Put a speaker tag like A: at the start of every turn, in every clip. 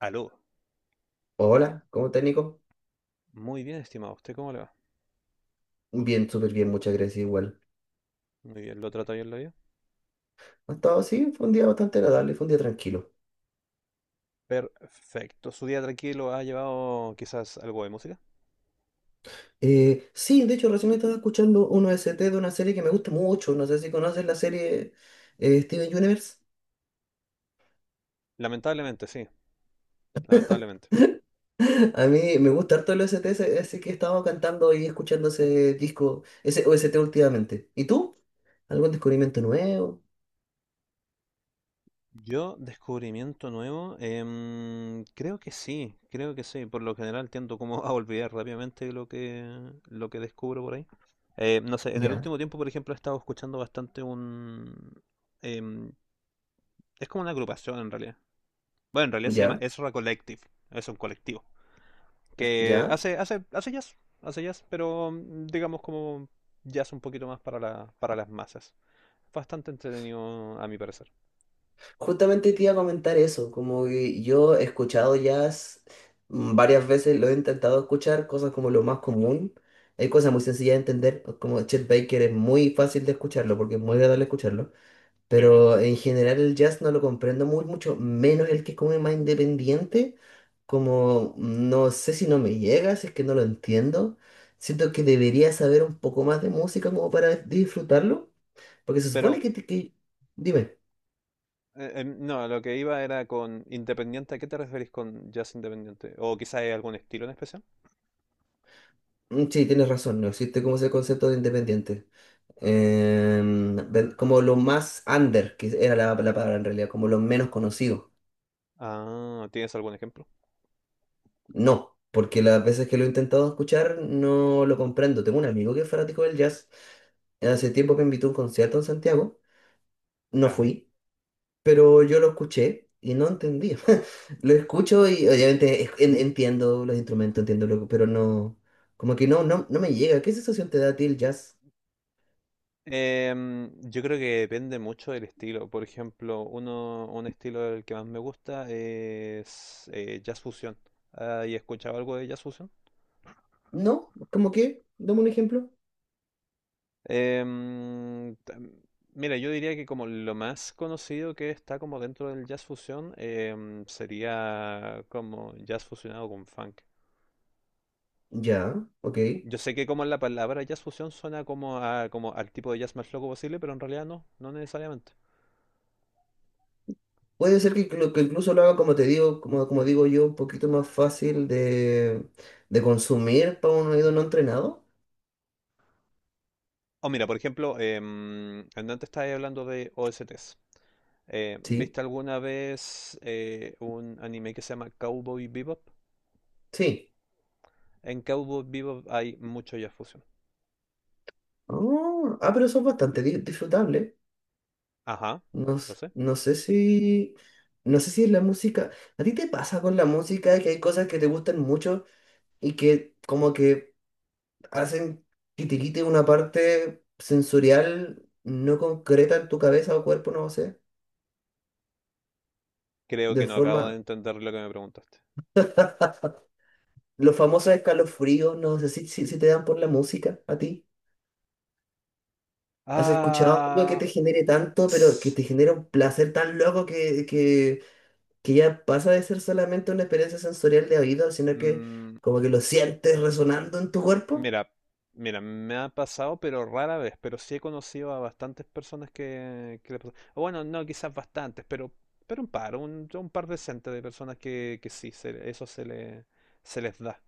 A: Aló.
B: Hola, ¿cómo estás, Nico?
A: Muy bien, estimado. ¿Usted cómo le va?
B: Bien, súper bien, muchas gracias igual.
A: Muy bien, ¿lo trata bien la vida?
B: Ha estado así, fue un día bastante agradable, fue un día tranquilo.
A: Perfecto. ¿Su día tranquilo ha llevado quizás algo de música?
B: Sí, de hecho, recién estaba escuchando un O S T de una serie que me gusta mucho. No sé si conoces la serie Steven Universe.
A: Lamentablemente, sí, lamentablemente.
B: A mí me gusta harto el O S T así que he estado cantando y escuchando ese disco, ese o S T últimamente. ¿Y tú? ¿Algún descubrimiento nuevo?
A: Yo, descubrimiento nuevo, creo que sí, creo que sí. Por lo general tiendo como a olvidar rápidamente lo que descubro por ahí. No sé, en el
B: Ya,
A: último tiempo, por ejemplo, he estado escuchando bastante un... em, es como una agrupación en realidad. Bueno, en realidad se llama
B: ya,
A: Ezra Collective. Es un colectivo que
B: ya.
A: hace jazz, pero digamos como jazz un poquito más para para las masas. Bastante entretenido a mi parecer.
B: Justamente te iba a comentar eso, como que yo he escuchado jazz varias veces, lo he intentado escuchar, cosas como lo más común. Hay cosas muy sencillas de entender, como Chet Baker es muy fácil de escucharlo porque es muy agradable escucharlo,
A: Sí.
B: pero en general el jazz no lo comprendo muy mucho, menos el que es como más independiente, como no sé si no me llega, si es que no lo entiendo. Siento que debería saber un poco más de música como para disfrutarlo, porque se supone
A: Pero
B: que, que... Dime.
A: no, lo que iba era con independiente. ¿A qué te referís con jazz independiente? ¿O quizás hay algún estilo en especial?
B: Sí, tienes razón, no existe como ese concepto de independiente. Como lo más under, que era la palabra en realidad, como lo menos conocido.
A: Ah, ¿tienes algún ejemplo?
B: No, porque las veces que lo he intentado escuchar no lo comprendo. Tengo un amigo que es fanático del jazz. Hace tiempo que me invitó a un concierto en Santiago. No
A: Ya.
B: fui, pero yo lo escuché y no entendía. Lo escucho y obviamente entiendo los instrumentos, entiendo lo, pero no, como que no me llega. ¿Qué sensación te da a ti el jazz?
A: Yo creo que depende mucho del estilo. Por ejemplo, un estilo del que más me gusta es jazz fusión. ¿Has escuchado algo de jazz fusión?
B: No, como que, dame un ejemplo.
A: Em, tam- mira, yo diría que como lo más conocido que está como dentro del jazz fusión sería como jazz fusionado con funk.
B: Ya, ok.
A: Yo sé que como la palabra jazz fusión suena como como al tipo de jazz más loco posible, pero en realidad no, no necesariamente.
B: Puede ser que, que incluso lo haga, como te digo, como, como digo yo, un poquito más fácil de consumir para un oído no entrenado.
A: O mira, por ejemplo, antes estaba hablando de OSTs.
B: Sí,
A: ¿Viste alguna vez un anime que se llama Cowboy Bebop?
B: sí.
A: En Cowboy Bebop hay mucho Jazz Fusion.
B: Ah, ah, pero son bastante disfrutables.
A: Ajá,
B: No,
A: lo sé.
B: no sé si, no sé si es la música. ¿A ti te pasa con la música que hay cosas que te gustan mucho y que como que hacen que te quite una parte sensorial no concreta en tu cabeza o cuerpo, no sé,
A: Creo que
B: de
A: no acabo de
B: forma...
A: entender lo que me preguntaste.
B: Los famosos escalofríos, no sé si te dan por la música a ti. ¿Has escuchado algo que
A: Ah,
B: te genere tanto, pero que
A: s-
B: te genera un placer tan loco que ya pasa de ser solamente una experiencia sensorial de oído, sino que
A: mm,
B: como que lo sientes resonando en tu cuerpo?
A: mira, mira, me ha pasado, pero rara vez, pero sí he conocido a bastantes personas que le pasa- o bueno, no, quizás bastantes, pero un par, un par decente de personas que sí, se- eso se le, se les da.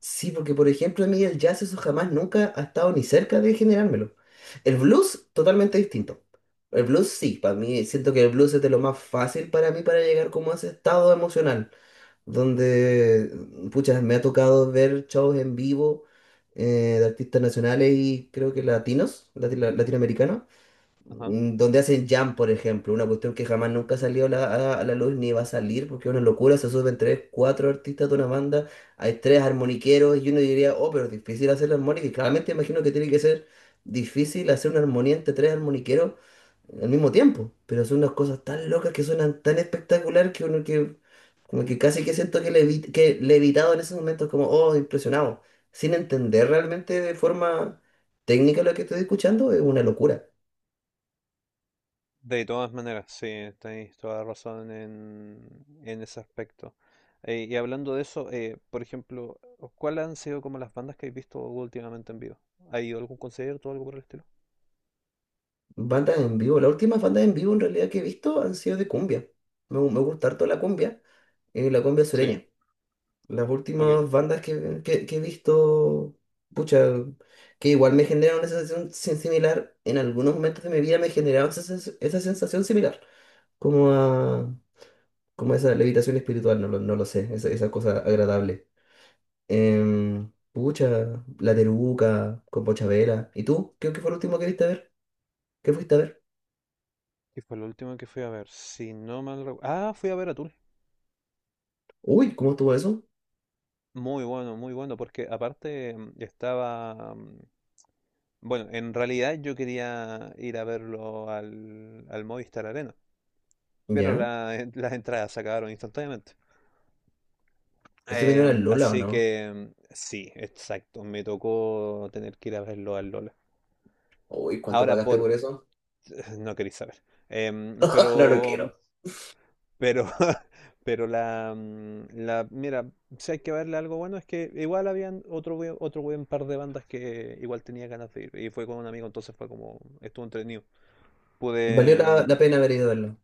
B: Sí, porque por ejemplo a mí el jazz eso jamás nunca ha estado ni cerca de generármelo. El blues, totalmente distinto. El blues sí, para mí siento que el blues es de lo más fácil para mí para llegar como a ese estado emocional. Donde, pucha, me ha tocado ver shows en vivo de artistas nacionales y creo que latinos, latinoamericanos,
A: Ajá.
B: donde hacen jam, por ejemplo, una cuestión que jamás nunca salió a a la luz ni va a salir, porque es una locura, se suben tres, cuatro artistas de una banda, hay tres armoniqueros y uno diría, oh, pero es difícil hacer la armónica, y claramente imagino que tiene que ser difícil hacer una armonía entre tres armoniqueros al mismo tiempo, pero son unas cosas tan locas que suenan tan espectacular que uno que como que casi que siento que, que le he evitado en esos momentos, como, oh, impresionado, sin entender realmente de forma técnica lo que estoy escuchando, es una locura.
A: De todas maneras, sí, tenéis toda la razón en ese aspecto. Y hablando de eso, por ejemplo, ¿cuáles han sido como las bandas que habéis visto últimamente en vivo? ¿Ha ido a algún concierto o algo por el estilo?
B: Bandas en vivo, las últimas bandas en vivo en realidad que he visto han sido de cumbia. Me, me gusta harto la cumbia
A: Sí,
B: sureña. Las
A: ok.
B: últimas bandas que he visto, pucha, que igual me generaron esa sensación similar, en algunos momentos de mi vida me generaron esa, esa sensación similar, como a como esa levitación espiritual, no lo sé, esa cosa agradable. Pucha, La Teruca, con Pochavera. ¿Y tú? ¿Qué, qué fue lo último que viste a ver? ¿Qué fuiste a ver?
A: Y fue lo último que fui a ver, si no mal ah, fui a ver a Tool.
B: Uy, ¿cómo estuvo eso?
A: Muy bueno, muy bueno, porque aparte estaba... bueno, en realidad yo quería ir a verlo al Movistar Arena, pero
B: ¿Ya?
A: las entradas se acabaron instantáneamente.
B: ¿Estoy viendo al Lola o
A: Así
B: no?
A: que sí, exacto. Me tocó tener que ir a verlo al Lola.
B: Uy, ¿cuánto
A: Ahora
B: pagaste
A: por...
B: por eso?
A: no queréis saber. Pero...
B: No lo quiero.
A: pero... pero la... Mira, si hay que verle algo bueno es que igual habían otro buen par de bandas que igual tenía ganas de ir. Y fue con un amigo, entonces fue como... estuvo entretenido.
B: Valió
A: Pude...
B: la,
A: em,
B: la pena haber ido a verlo.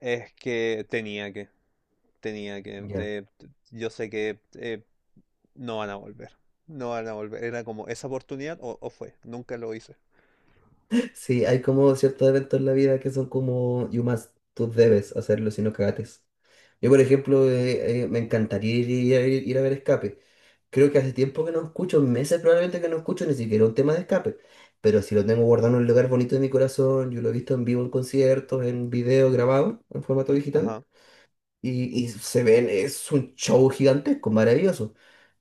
A: Es que tenía que... tenía que...
B: Ya.
A: yo sé que... no van a volver. No van a volver. Era como esa oportunidad o fue. Nunca lo hice.
B: Sí, hay como ciertos eventos en la vida que son como you must, tú debes hacerlo si no cagates. Yo, por ejemplo, me encantaría ir a ver Escape. Creo que hace tiempo que no escucho, meses probablemente que no escucho ni siquiera un tema de escape. Pero si lo tengo guardado en un lugar bonito de mi corazón, yo lo he visto en vivo en conciertos, en video grabado, en formato digital.
A: Ajá,
B: Y se ven, es un show gigantesco, maravilloso.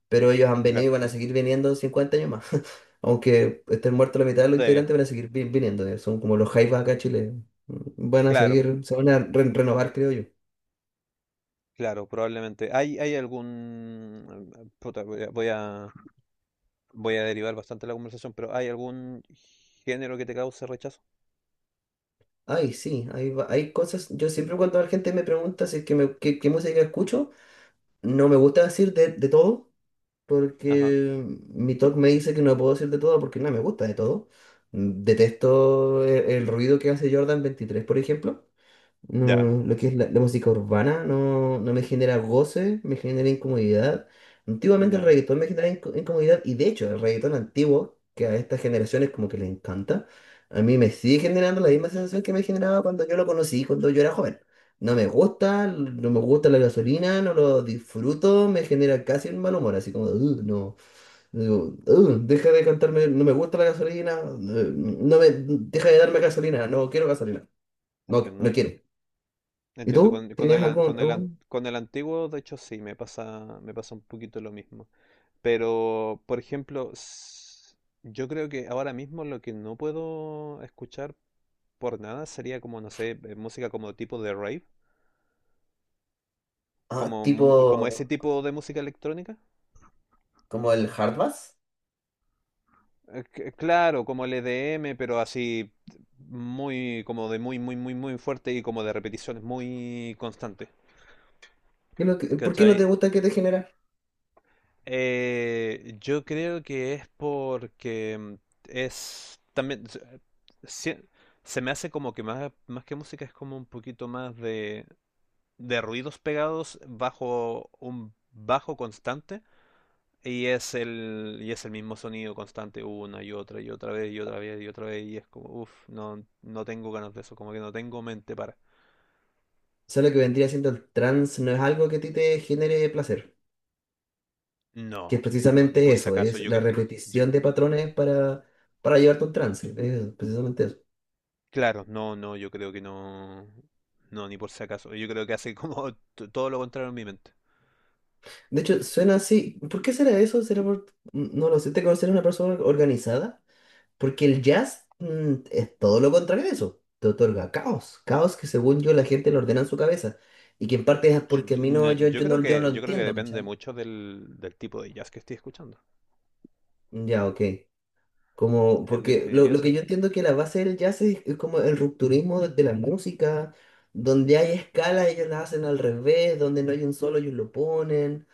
B: Pero ellos han venido y
A: claro.
B: van a seguir viniendo 50 años más. Aunque estén muertos la mitad de los
A: Sí,
B: integrantes, van a seguir viniendo. Son como los Jaivas acá en Chile. Van a
A: claro,
B: seguir, se van a renovar, creo yo.
A: claro, probablemente. ¿Hay algún... puta, voy a... voy a derivar bastante la conversación, pero ¿hay algún género que te cause rechazo?
B: Ay, sí, hay, hay cosas. Yo siempre cuando la gente me pregunta si es que me, qué, qué música escucho. No me gusta decir de todo,
A: Ajá,
B: porque mi TOC me dice que no puedo decir de todo porque no me gusta de todo. Detesto el, ruido que hace Jordan 23, por ejemplo.
A: ya,
B: No, lo que es la música urbana no, no me genera goce, me genera incomodidad. Antiguamente el
A: ya,
B: reggaetón me generaba incomodidad y de hecho el reggaetón antiguo, que a estas generaciones como que les encanta, a mí me sigue generando la misma sensación que me generaba cuando yo lo conocí, cuando yo era joven. No me gusta, no me gusta la gasolina, no lo disfruto, me genera casi un mal humor, así como, "Ugh, no, digo, "Ugh, deja de cantarme, no me gusta la gasolina, no me, deja de darme gasolina, no quiero gasolina, no, no
A: entiendo.
B: quiero. ¿Y
A: Entiendo,
B: tú? ¿Tienes algún, algún?
A: con el antiguo, de hecho, sí, me pasa un poquito lo mismo. Pero, por ejemplo, yo creo que ahora mismo lo que no puedo escuchar por nada sería como, no sé, música como tipo de rave,
B: Ah, tipo
A: como ese tipo de música electrónica.
B: como el hard bass.
A: Claro, como el EDM, pero así muy, como de muy fuerte y como de repeticiones muy constantes.
B: ¿Qué es por qué no te
A: ¿Cachai?
B: gusta que te genera?
A: Yo creo que es porque es también se- se me hace como que más, más que música es como un poquito más de ruidos pegados bajo un bajo constante. Y y es el mismo sonido constante una y otra vez y otra vez y otra vez y es como, uff, no, no tengo ganas de eso, como que no tengo mente para...
B: O sea, lo que vendría siendo el trance no es algo que a ti te genere placer, que
A: No,
B: es
A: no, ni
B: precisamente
A: por si
B: eso,
A: acaso,
B: es
A: yo
B: la
A: creo... yo-
B: repetición de patrones para llevarte a un trance, es precisamente eso.
A: claro, no, no, yo creo que no... No, ni por si acaso, yo creo que hace como todo lo contrario en mi mente.
B: De hecho, suena así, ¿por qué será eso? ¿Será por, no lo sé, te conocer una persona organizada? Porque el jazz es todo lo contrario de eso. Te otorga caos. Caos que según yo la gente lo ordena en su cabeza. Y que en parte es porque a mí no,
A: No,
B: yo no lo
A: yo creo que
B: entiendo,
A: depende
B: ¿cachai?
A: mucho del, del tipo de jazz que estoy escuchando.
B: Ya, ok. Como,
A: En
B: porque
A: definitiva,
B: lo
A: sí.
B: que yo entiendo es que la base del jazz es como el rupturismo de la música, donde hay escalas, ellos las hacen al revés, donde no hay un solo, ellos lo ponen,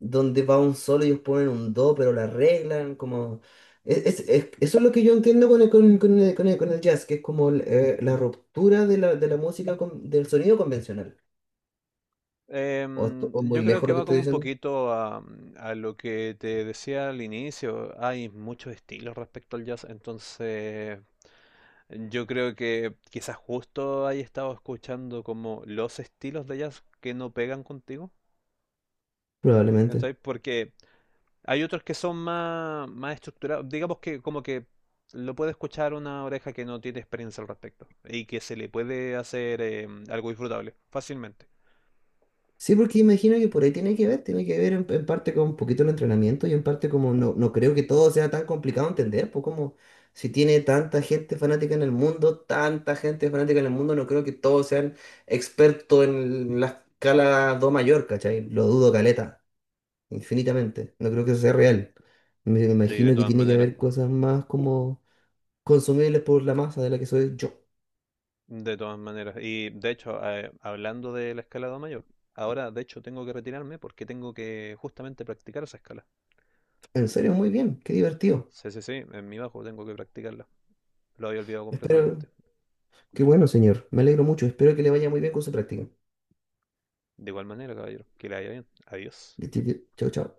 B: donde va un solo, ellos ponen un do, pero la arreglan, como... Eso es lo que yo entiendo con el, con el, con el jazz, que es como la ruptura de la música, del sonido convencional. ¿O, o muy
A: Yo creo
B: lejos
A: que
B: lo que
A: va
B: estoy
A: como un
B: diciendo?
A: poquito a lo que te decía al inicio. Hay muchos estilos respecto al jazz, entonces yo creo que quizás justo ahí estado escuchando como los estilos de jazz que no pegan contigo,
B: Probablemente.
A: ¿cachai? Porque hay otros que son más, más estructurados, digamos que como que lo puede escuchar una oreja que no tiene experiencia al respecto y que se le puede hacer algo disfrutable fácilmente.
B: Sí, porque imagino que por ahí tiene que ver en parte con un poquito el entrenamiento y en parte como no, no creo que todo sea tan complicado entender, pues como si tiene tanta gente fanática en el mundo, tanta gente fanática en el mundo, no creo que todos sean expertos en la escala do mayor, ¿cachai? Lo dudo caleta, infinitamente, no creo que eso sea real. Me
A: Sí, de
B: imagino que
A: todas
B: tiene que
A: maneras,
B: haber cosas más como consumibles por la masa de la que soy yo.
A: de todas maneras. Y de hecho, hablando del escalado mayor, ahora de hecho tengo que retirarme porque tengo que justamente practicar esa escala.
B: En serio, muy bien, qué divertido.
A: Sí, sí, sí, en mi bajo tengo que practicarla. Lo había olvidado
B: Espero,
A: completamente.
B: qué bueno, señor, me alegro mucho, espero que le vaya muy bien con su práctica.
A: De igual manera, caballero, que le vaya bien. Adiós.
B: Chao, chao.